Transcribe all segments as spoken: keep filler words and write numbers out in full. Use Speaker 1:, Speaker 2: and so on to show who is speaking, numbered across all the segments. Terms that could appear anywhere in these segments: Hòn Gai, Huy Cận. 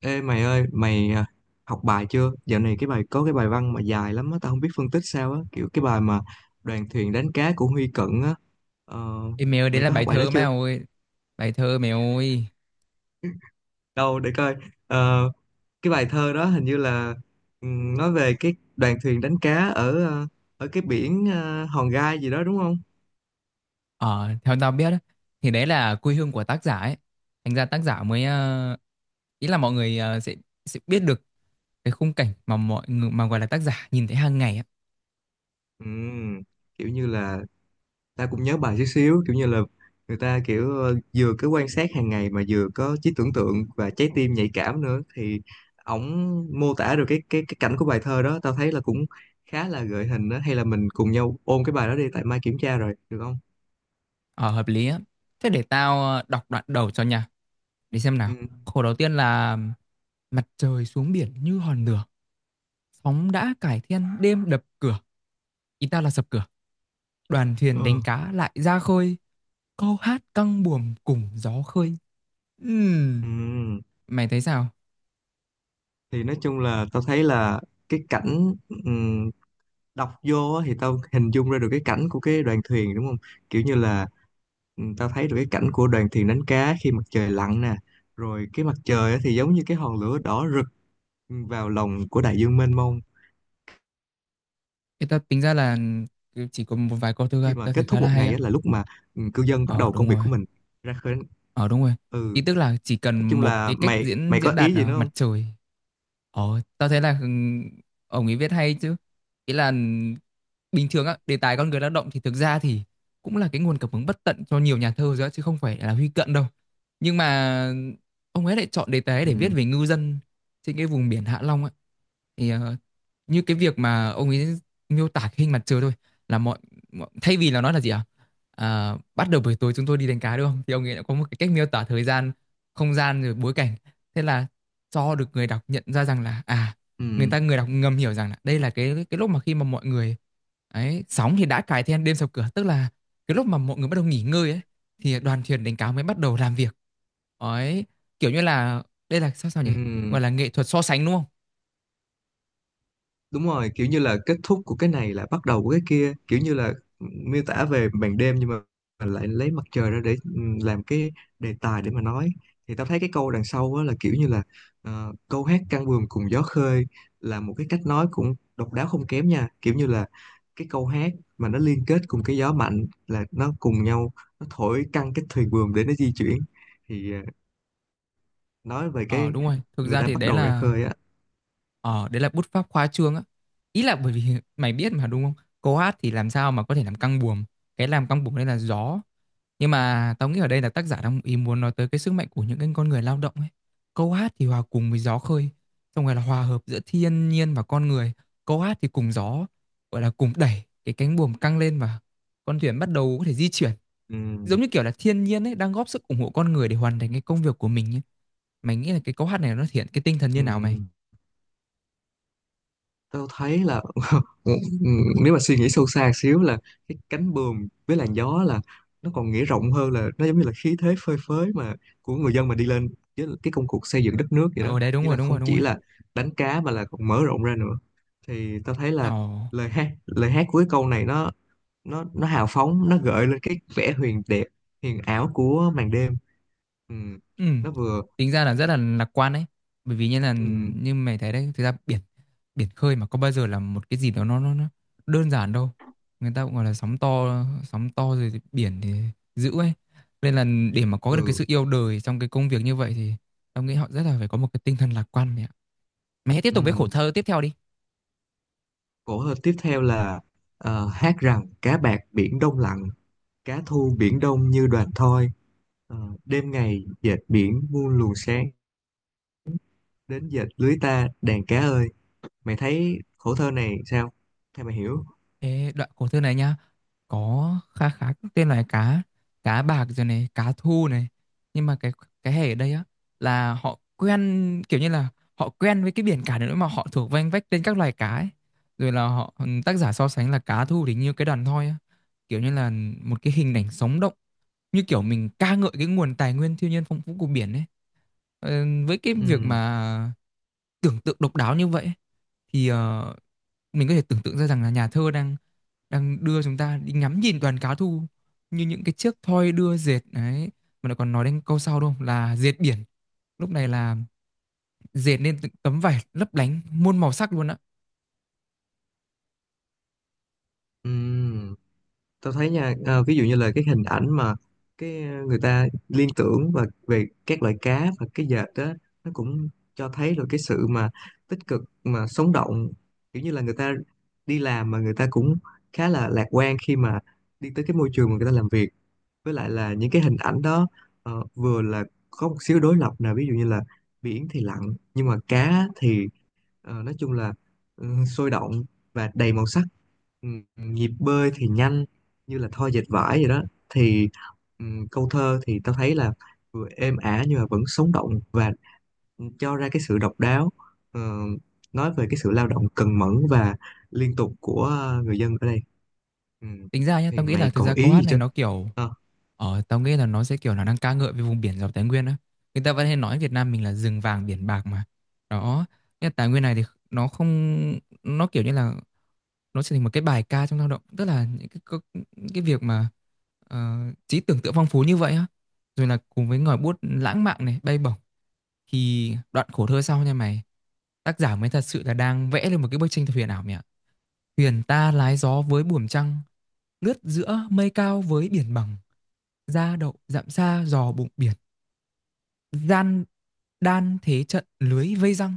Speaker 1: Ê mày ơi, mày à, học bài chưa? Dạo này cái bài có cái bài văn mà dài lắm á, tao không biết phân tích sao á, kiểu cái bài mà đoàn thuyền đánh cá của Huy Cận á. Ờ,
Speaker 2: Ê mèo, đấy
Speaker 1: mày
Speaker 2: là
Speaker 1: có
Speaker 2: bài
Speaker 1: học bài đó
Speaker 2: thơ mày
Speaker 1: chưa?
Speaker 2: ơi. Bài thơ mèo ơi.
Speaker 1: Đâu để coi. Ờ, cái bài thơ đó hình như là ừm, nói về cái đoàn thuyền đánh cá ở ờ, ở cái biển ờ, Hòn Gai gì đó đúng không?
Speaker 2: Ờ, theo tao biết á, thì đấy là quê hương của tác giả ấy. Thành ra tác giả mới ờ, ý là mọi người ờ, sẽ, sẽ biết được cái khung cảnh mà mọi người, mà gọi là tác giả nhìn thấy hàng ngày á.
Speaker 1: Ừm, kiểu như là ta cũng nhớ bài chút xíu, kiểu như là người ta kiểu ờ, vừa cứ quan sát hàng ngày mà vừa có trí tưởng tượng và trái tim nhạy cảm nữa, thì ổng mô tả được cái cái cái cảnh của bài thơ đó. Tao thấy là cũng khá là gợi hình đó, hay là mình cùng nhau ôn cái bài đó đi, tại mai kiểm tra rồi, được không?
Speaker 2: Ờ, hợp lý á. Thế để tao ờ, đọc đoạn đầu cho nha. Để xem nào.
Speaker 1: Ừ.
Speaker 2: Khổ đầu tiên là: Mặt trời xuống biển như hòn lửa, sóng đã cải thiên đêm đập cửa. Ý tao là sập cửa. Đoàn thuyền đánh
Speaker 1: Ờ.
Speaker 2: cá lại ra khơi, câu hát căng buồm cùng gió khơi.
Speaker 1: Ừ.
Speaker 2: Ừm, Mày thấy sao?
Speaker 1: Thì nói chung là tao thấy là cái cảnh, ừ, đọc vô á thì tao hình dung ra được cái cảnh của cái đoàn thuyền, đúng không? Kiểu như là ừ, tao thấy được cái cảnh của đoàn thuyền đánh cá khi mặt trời lặn nè, rồi cái mặt trời á thì giống như cái hòn lửa đỏ rực vào lòng của đại dương mênh mông.
Speaker 2: Thì tao tính ra là chỉ có một vài câu thơ ra,
Speaker 1: Khi mà
Speaker 2: tao thấy
Speaker 1: kết
Speaker 2: khá
Speaker 1: thúc
Speaker 2: là
Speaker 1: một
Speaker 2: hay
Speaker 1: ngày
Speaker 2: á.
Speaker 1: á là lúc mà ừ, cư dân bắt
Speaker 2: Ờ
Speaker 1: đầu công
Speaker 2: đúng
Speaker 1: việc
Speaker 2: rồi.
Speaker 1: của mình, ra khơi đánh.
Speaker 2: Ờ đúng rồi. Ý
Speaker 1: ừ
Speaker 2: tức là chỉ cần
Speaker 1: nói chung
Speaker 2: một
Speaker 1: là
Speaker 2: cái cách
Speaker 1: mày
Speaker 2: diễn
Speaker 1: mày có
Speaker 2: diễn đạt,
Speaker 1: ý gì
Speaker 2: à,
Speaker 1: nữa
Speaker 2: mặt
Speaker 1: không?
Speaker 2: trời. Ồ, tao thấy là ừ, ông ấy viết hay chứ. Ý là bình thường á, đề tài con người lao động thì thực ra thì cũng là cái nguồn cảm hứng bất tận cho nhiều nhà thơ rồi á, chứ không phải là Huy Cận đâu. Nhưng mà ông ấy lại chọn đề tài
Speaker 1: Ừ.
Speaker 2: để viết về ngư dân trên cái vùng biển Hạ Long á. Thì ờ, như cái việc mà ông ấy miêu tả cái hình mặt trời thôi, là mọi, mọi thay vì là nói là gì ạ? À, bắt đầu buổi tối chúng tôi đi đánh cá đúng không? Thì ông ấy đã có một cái cách miêu tả thời gian, không gian rồi bối cảnh. Thế là cho được người đọc nhận ra rằng là à, người
Speaker 1: Ừ.
Speaker 2: ta người đọc ngầm hiểu rằng là đây là cái cái lúc mà khi mà mọi người ấy, sóng thì đã cài then đêm sập cửa, tức là cái lúc mà mọi người bắt đầu nghỉ ngơi ấy thì đoàn thuyền đánh cá mới bắt đầu làm việc ấy. Kiểu như là đây là sao sao nhỉ,
Speaker 1: Ừ.
Speaker 2: gọi là nghệ thuật so sánh đúng không?
Speaker 1: Đúng rồi, kiểu như là kết thúc của cái này là bắt đầu của cái kia, kiểu như là miêu tả về màn đêm nhưng mà lại lấy mặt trời ra để ừ, làm cái đề tài để mà nói. Thì tao thấy cái câu đằng sau á là kiểu như là ờ, câu hát căng buồm cùng gió khơi là một cái cách nói cũng độc đáo không kém nha, kiểu như là cái câu hát mà nó liên kết cùng cái gió mạnh là nó cùng nhau, nó thổi căng cái thuyền buồm để nó di chuyển, thì ờ, nói về
Speaker 2: Ờ
Speaker 1: cái
Speaker 2: đúng rồi, thực
Speaker 1: người
Speaker 2: ra
Speaker 1: ta
Speaker 2: thì
Speaker 1: bắt
Speaker 2: đấy
Speaker 1: đầu ra
Speaker 2: là...
Speaker 1: khơi á.
Speaker 2: Ờ, đấy là bút pháp khoa trương á. Ý là bởi vì mày biết mà đúng không? Câu hát thì làm sao mà có thể làm căng buồm. Cái làm căng buồm đây là gió. Nhưng mà tao nghĩ ở đây là tác giả đang ý muốn nói tới cái sức mạnh của những cái con người lao động ấy. Câu hát thì hòa cùng với gió khơi, xong rồi là hòa hợp giữa thiên nhiên và con người. Câu hát thì cùng gió, gọi là cùng đẩy cái cánh buồm căng lên và con thuyền bắt đầu có thể di chuyển.
Speaker 1: Ừm,
Speaker 2: Giống như kiểu là thiên nhiên ấy đang góp sức ủng hộ con người để hoàn thành cái công việc của mình ấy. Mày nghĩ là cái câu hát này nó thể hiện cái tinh thần như nào mày?
Speaker 1: ừm, Tao thấy là Ừ, ừ, nếu mà suy nghĩ sâu xa xíu là cái cánh buồm với làn gió là nó còn nghĩa rộng hơn, là nó giống như là khí thế phơi phới mà của người dân mà đi lên với cái công cuộc xây dựng đất nước vậy đó,
Speaker 2: Ờ đấy đúng
Speaker 1: nghĩa
Speaker 2: rồi,
Speaker 1: là
Speaker 2: đúng rồi,
Speaker 1: không
Speaker 2: đúng
Speaker 1: chỉ
Speaker 2: rồi.
Speaker 1: là đánh cá mà là còn mở rộng ra nữa. Thì tao thấy
Speaker 2: Ồ,
Speaker 1: là lời hát lời hát của cái câu này nó nó nó hào phóng, nó gợi lên cái vẻ huyền đẹp, huyền ảo của màn đêm, ừ,
Speaker 2: ừ.
Speaker 1: nó vừa.
Speaker 2: Tính ra là rất là lạc quan đấy. Bởi vì như là
Speaker 1: Ừ.
Speaker 2: như mày thấy đấy, thực ra biển biển khơi mà có bao giờ là một cái gì đó nó, nó, nó đơn giản đâu. Người ta cũng gọi là sóng to, sóng to rồi thì biển thì dữ ấy. Nên là để mà có được cái
Speaker 1: Ừ.
Speaker 2: sự yêu đời trong cái công việc như vậy thì tao nghĩ họ rất là phải có một cái tinh thần lạc quan mẹ ạ. Mày hãy tiếp tục với khổ
Speaker 1: Ừ.
Speaker 2: thơ tiếp theo đi.
Speaker 1: Cổ hơn tiếp theo là ờ, hát rằng cá bạc Biển Đông lặng, cá thu Biển Đông như đoàn thoi, ờ, đêm ngày dệt biển muôn luồng sáng, đến dệt lưới ta đàn cá ơi. Mày thấy khổ thơ này sao? Theo mày hiểu?
Speaker 2: Ê, đoạn khổ thơ này nhá, có khá khá các tên loài cá, cá bạc rồi này, cá thu này. Nhưng mà cái cái hệ ở đây á là họ quen, kiểu như là họ quen với cái biển cả nữa mà họ thuộc vanh vách tên các loài cá ấy. Rồi là họ, ừ, tác giả so sánh là cá thu thì như cái đàn thoi á, kiểu như là một cái hình ảnh sống động, như kiểu mình ca ngợi cái nguồn tài nguyên thiên nhiên phong phú của biển ấy. Ờ, với cái việc
Speaker 1: Ừ.
Speaker 2: mà tưởng tượng độc đáo như vậy thì ờ, mình có thể tưởng tượng ra rằng là nhà thơ đang, đang đưa chúng ta đi ngắm nhìn đoàn cá thu như những cái chiếc thoi đưa dệt đấy, mà lại còn nói đến câu sau đúng không, là dệt biển. Lúc này là dệt nên từng tấm vải lấp lánh muôn màu sắc luôn á.
Speaker 1: Ừ. Tao thấy nha, ờ, ví dụ như là cái hình ảnh mà cái ờ, người ta liên tưởng và về các loại cá và cái dệt đó, nó cũng cho thấy được cái sự mà tích cực mà sống động, kiểu như là người ta đi làm mà người ta cũng khá là lạc quan khi mà đi tới cái môi trường mà người ta làm việc. Với lại là những cái hình ảnh đó ờ, vừa là có một xíu đối lập nào, ví dụ như là biển thì lặng nhưng mà cá thì ờ, nói chung là ừ, sôi động và đầy màu sắc. Ừ, Nhịp bơi thì nhanh như là thoi dệt vải vậy đó, thì ừ, câu thơ thì tao thấy là vừa êm ả nhưng mà vẫn sống động và cho ra cái sự độc đáo, ờ, nói về cái sự lao động cần mẫn và liên tục của ờ, người dân ở đây. Ừ.
Speaker 2: Tính ra nhá, tao
Speaker 1: Thì
Speaker 2: nghĩ là
Speaker 1: mày
Speaker 2: thực
Speaker 1: còn
Speaker 2: ra câu
Speaker 1: ý
Speaker 2: hát
Speaker 1: gì
Speaker 2: này
Speaker 1: chứ?
Speaker 2: nó kiểu...
Speaker 1: Ờ.
Speaker 2: Ờ, tao nghĩ là nó sẽ kiểu là đang ca ngợi về vùng biển giàu tài nguyên á. Người ta vẫn hay nói Việt Nam mình là rừng vàng biển bạc mà. Đó, cái tài nguyên này thì nó không, nó kiểu như là nó trở thành một cái bài ca trong lao động, tức là những cái, cái, cái việc mà ờ, trí tưởng tượng phong phú như vậy á. Rồi là cùng với ngòi bút lãng mạn này, bay bổng thì đoạn khổ thơ sau nha mày. Tác giả mới thật sự là đang vẽ lên một cái bức tranh thật huyền ảo mẹ ạ. Thuyền ta lái gió với buồm trăng, lướt giữa mây cao với biển bằng, ra đậu dặm xa giò bụng biển, gian đan thế trận lưới vây răng.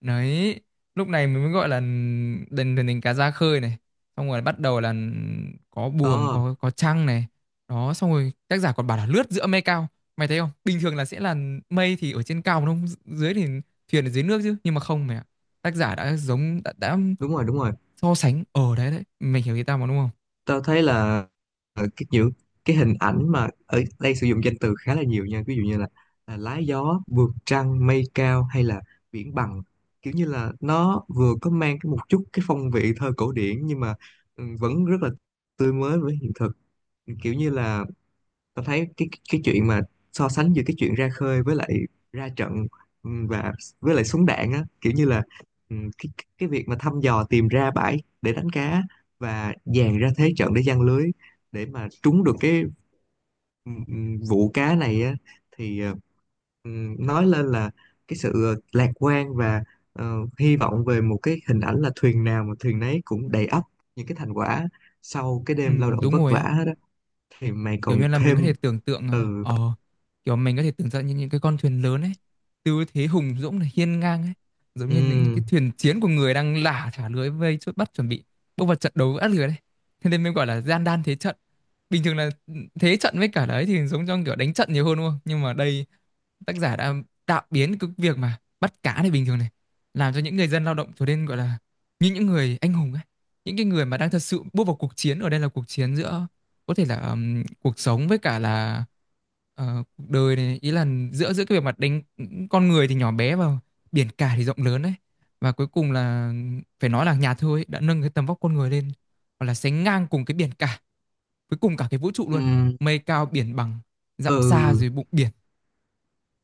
Speaker 2: Đấy, lúc này mình mới gọi là đền thuyền cá ra khơi này, xong rồi bắt đầu là có buồm,
Speaker 1: Có.
Speaker 2: có có trăng này. Đó, xong rồi tác giả còn bảo là lướt giữa mây cao. Mày thấy không, bình thường là sẽ là mây thì ở trên cao mà không dưới, thì thuyền ở dưới nước chứ, nhưng mà không mày ạ, tác giả đã giống, đã, đã
Speaker 1: Đúng rồi. Đúng rồi.
Speaker 2: so sánh ở đấy đấy, mày hiểu ý tao mà đúng không?
Speaker 1: Tao thấy là ờ, cái những cái hình ảnh mà ở đây sử dụng danh từ khá là nhiều nha, ví dụ như là, là lá gió vượt trăng mây cao hay là biển bằng, kiểu như là nó vừa có mang cái một chút cái phong vị thơ cổ điển nhưng mà ừ, vẫn rất là tươi mới với hiện thực. Kiểu như là tao thấy cái cái chuyện mà so sánh giữa cái chuyện ra khơi với lại ra trận, ừm, và với lại súng đạn á, kiểu như là ừm, cái cái cái việc mà thăm dò tìm ra bãi để đánh cá và dàn ra thế trận để giăng lưới, để mà trúng được cái ừm, vụ cá này á. Thì ờ, ừm, nói lên là cái sự ờ, lạc quan và ờ, hy vọng về một cái hình ảnh là thuyền nào mà thuyền nấy cũng đầy ắp những cái thành quả sau cái
Speaker 2: Ừ,
Speaker 1: đêm lao động
Speaker 2: đúng
Speaker 1: vất
Speaker 2: rồi
Speaker 1: vả
Speaker 2: á.
Speaker 1: đó. Thì mày
Speaker 2: Kiểu
Speaker 1: còn
Speaker 2: như là mình
Speaker 1: thêm.
Speaker 2: có thể tưởng tượng, ờ
Speaker 1: Ừ.
Speaker 2: ờ, kiểu mình có thể tưởng tượng như những cái con thuyền lớn ấy, tư thế hùng dũng này, hiên ngang ấy, giống như những
Speaker 1: Ừ.
Speaker 2: cái thuyền chiến của người đang lả thả lưới vây chốt bắt, chuẩn bị bước vào trận đấu với át lưới đấy. Thế nên mình gọi là gian đan thế trận. Bình thường là ừ, thế trận với cả đấy thì giống trong kiểu đánh trận nhiều hơn đúng không, nhưng mà đây tác giả đã tạo biến cái việc mà bắt cá này bình thường này, làm cho những người dân lao động trở nên gọi là như những người anh hùng ấy, những cái người mà đang thật sự bước vào cuộc chiến. Ở đây là cuộc chiến giữa, có thể là ừm, cuộc sống với cả là ờ, cuộc đời này. Ý là giữa giữa cái bề mặt đánh, con người thì nhỏ bé và biển cả thì rộng lớn đấy. Và cuối cùng là, phải nói là nhà thơ ấy đã nâng cái tầm vóc con người lên hoặc là sánh ngang cùng cái biển cả, với cùng cả cái vũ trụ luôn.
Speaker 1: Ừ.
Speaker 2: Mây cao biển bằng, dặm xa
Speaker 1: Ừ.
Speaker 2: dưới bụng biển.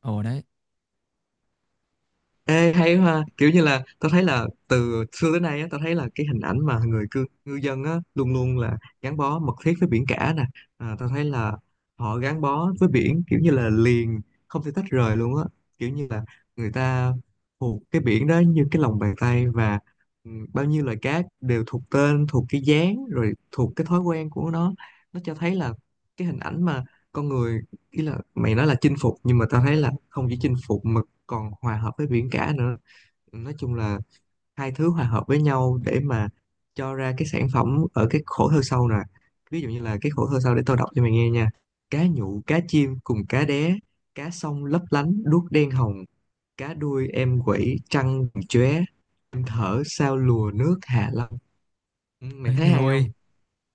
Speaker 2: Ồ đấy.
Speaker 1: Ê, hay ha, kiểu như là tao thấy là từ xưa tới nay á, tao thấy là cái hình ảnh mà người cư, ngư dân á luôn luôn là gắn bó mật thiết với biển cả nè. À, tao thấy là họ gắn bó với biển, kiểu như là liền, không thể tách rời luôn á, kiểu như là người ta thuộc cái biển đó như cái lòng bàn tay, và ừ, bao nhiêu loài cá đều thuộc tên, thuộc cái dáng, rồi thuộc cái thói quen của nó. Nó cho thấy là cái hình ảnh mà con người, ý là mày nói là chinh phục nhưng mà tao thấy là không chỉ chinh phục mà còn hòa hợp với biển cả nữa, nói chung là hai thứ hòa hợp với nhau để mà cho ra cái sản phẩm ở cái khổ thơ sau nè. Ví dụ như là cái khổ thơ sau, để tao đọc cho mày nghe nha: cá nhụ cá chim cùng cá đé, cá sông lấp lánh đuốc đen hồng, cá đuôi em quẩy trăng chóe, em thở sao lùa nước Hạ Long. Ừ, mày
Speaker 2: Đấy
Speaker 1: thấy
Speaker 2: mày
Speaker 1: hay
Speaker 2: ơi,
Speaker 1: không?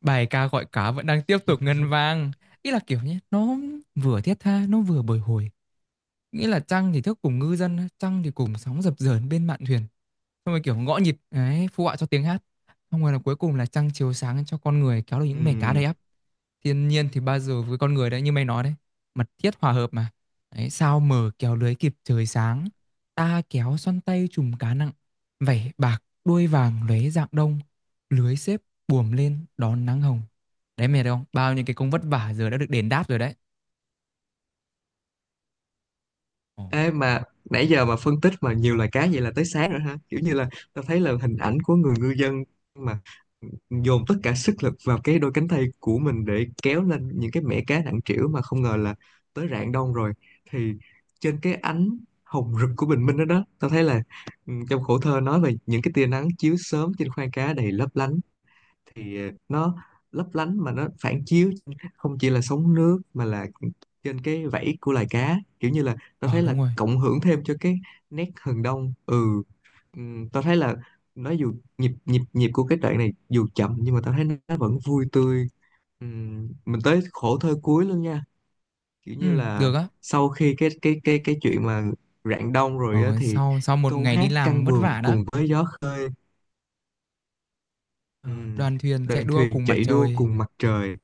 Speaker 2: bài ca gọi cá vẫn đang tiếp tục ngân vang. Ý là kiểu nhé, nó vừa thiết tha, nó vừa bồi hồi. Nghĩa là trăng thì thức cùng ngư dân, trăng thì cùng sóng dập dờn bên mạn thuyền, xong rồi kiểu gõ nhịp đấy phụ họa cho tiếng hát, xong rồi là cuối cùng là trăng chiếu sáng cho con người kéo được những mẻ cá
Speaker 1: Ừ.
Speaker 2: đầy ắp. Thiên nhiên thì bao giờ với con người đấy, như mày nói đấy, mật thiết hòa hợp mà. Đấy, sao mở kéo lưới kịp trời sáng, ta kéo xoăn tay chùm cá nặng, vảy bạc đuôi vàng lóe rạng đông, lưới xếp buồm lên đón nắng hồng. Đấy mày thấy không, bao nhiêu cái công vất vả giờ đã được đền đáp rồi đấy. Ồ.
Speaker 1: Ê mà nãy giờ mà phân tích mà nhiều loài cá vậy là tới sáng rồi hả? Kiểu như là tao thấy là hình ảnh của người ngư dân mà dồn tất cả sức lực vào cái đôi cánh tay của mình để kéo lên những cái mẻ cá nặng trĩu mà không ngờ là tới rạng đông rồi. Thì trên cái ánh hồng rực của bình minh đó đó, tao thấy là ừ, trong khổ thơ nói về những cái tia nắng chiếu sớm trên khoang cá đầy lấp lánh, thì nó lấp lánh mà nó phản chiếu không chỉ là sóng nước mà là trên cái vảy của loài cá, kiểu như là tao
Speaker 2: Ờ
Speaker 1: thấy là
Speaker 2: đúng rồi.
Speaker 1: cộng hưởng thêm cho cái nét hừng đông. ừ Ừm, tao thấy là nó dù nhịp nhịp nhịp của cái đoạn này dù chậm nhưng mà tao thấy nó vẫn vui tươi. Ừm, mình tới khổ thơ cuối luôn nha, kiểu
Speaker 2: Ừ,
Speaker 1: như là
Speaker 2: được á.
Speaker 1: sau khi cái cái cái cái chuyện mà rạng đông rồi á,
Speaker 2: ờ
Speaker 1: thì
Speaker 2: sau sau một
Speaker 1: câu
Speaker 2: ngày đi
Speaker 1: hát
Speaker 2: làm
Speaker 1: căng
Speaker 2: vất
Speaker 1: buồm
Speaker 2: vả đó,
Speaker 1: cùng với gió.
Speaker 2: ờ,
Speaker 1: Ừm,
Speaker 2: đoàn thuyền chạy
Speaker 1: Đoàn
Speaker 2: đua
Speaker 1: thuyền
Speaker 2: cùng mặt
Speaker 1: chạy đua
Speaker 2: trời.
Speaker 1: cùng mặt trời,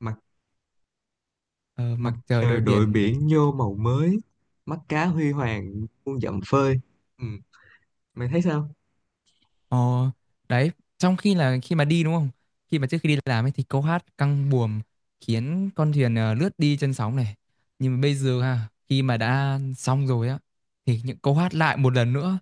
Speaker 1: mặt
Speaker 2: Ờ, mặt
Speaker 1: Mặt
Speaker 2: trời
Speaker 1: trời
Speaker 2: đội
Speaker 1: đội
Speaker 2: biển.
Speaker 1: biển vô màu mới, mắt cá huy hoàng muôn dặm phơi. Ừ, Mày thấy sao?
Speaker 2: Ờ, đấy, trong khi là khi mà đi đúng không? Khi mà trước khi đi làm ấy thì câu hát căng buồm khiến con thuyền ờ, lướt đi trên sóng này. Nhưng mà bây giờ ha, khi mà đã xong rồi á thì những câu hát lại một lần nữa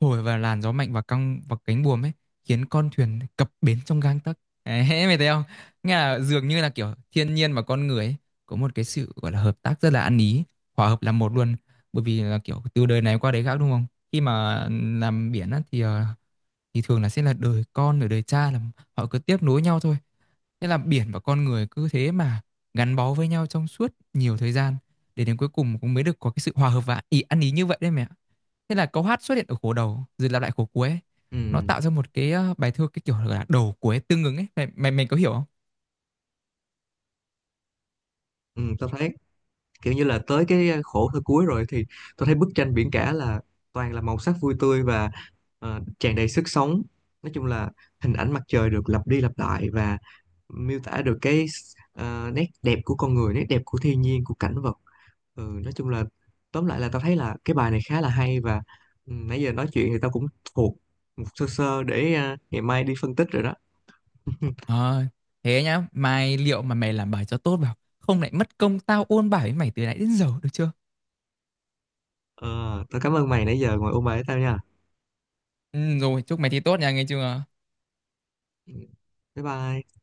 Speaker 2: thổi vào làn gió mạnh và căng vào cánh buồm ấy, khiến con thuyền cập bến trong gang tấc. Đấy, mày thấy không? Nghe là dường như là kiểu thiên nhiên và con người ấy có một cái sự gọi là hợp tác rất là ăn ý, hòa hợp làm một luôn. Bởi vì là kiểu từ đời này qua đời khác đúng không? Khi mà ừ, làm biển á thì ờ, thì thường là sẽ là đời con rồi đời cha là họ cứ tiếp nối nhau thôi. Thế là biển và con người cứ thế mà gắn bó với nhau trong suốt nhiều thời gian, để đến cuối cùng cũng mới được có cái sự hòa hợp và ý ăn ý như vậy đấy mẹ. Thế là câu hát xuất hiện ở khổ đầu rồi lặp lại khổ cuối. Nó
Speaker 1: Ừ,
Speaker 2: tạo ra một cái ờ, bài thơ cái kiểu là đầu cuối tương ứng ấy. Mày mày, mày có hiểu không?
Speaker 1: ừ, tao thấy kiểu như là tới cái ờ, khổ thơ cuối rồi thì tao thấy bức tranh biển cả là toàn là màu sắc vui tươi và ờ, tràn đầy sức sống. Nói chung là hình ảnh mặt trời được lặp đi lặp lại và miêu tả được cái ờ, nét đẹp của con người, nét đẹp của thiên nhiên, của cảnh vật. Ừ nói chung là tóm lại là tao thấy là cái bài này khá là hay, và ừ, nãy giờ nói chuyện thì tao cũng thuộc một sơ sơ để à, ngày mai đi phân tích rồi đó.
Speaker 2: Ờ, thế nhá, mai liệu mà mày làm bài cho tốt vào, không lại mất công tao ôn bài với mày từ nãy đến giờ được chưa?
Speaker 1: ờ, Tao cảm ơn mày nãy giờ ngồi ôn bài với tao nha.
Speaker 2: Ừ, rồi, chúc mày thi tốt nha, nghe chưa?
Speaker 1: Ừ, bye bye.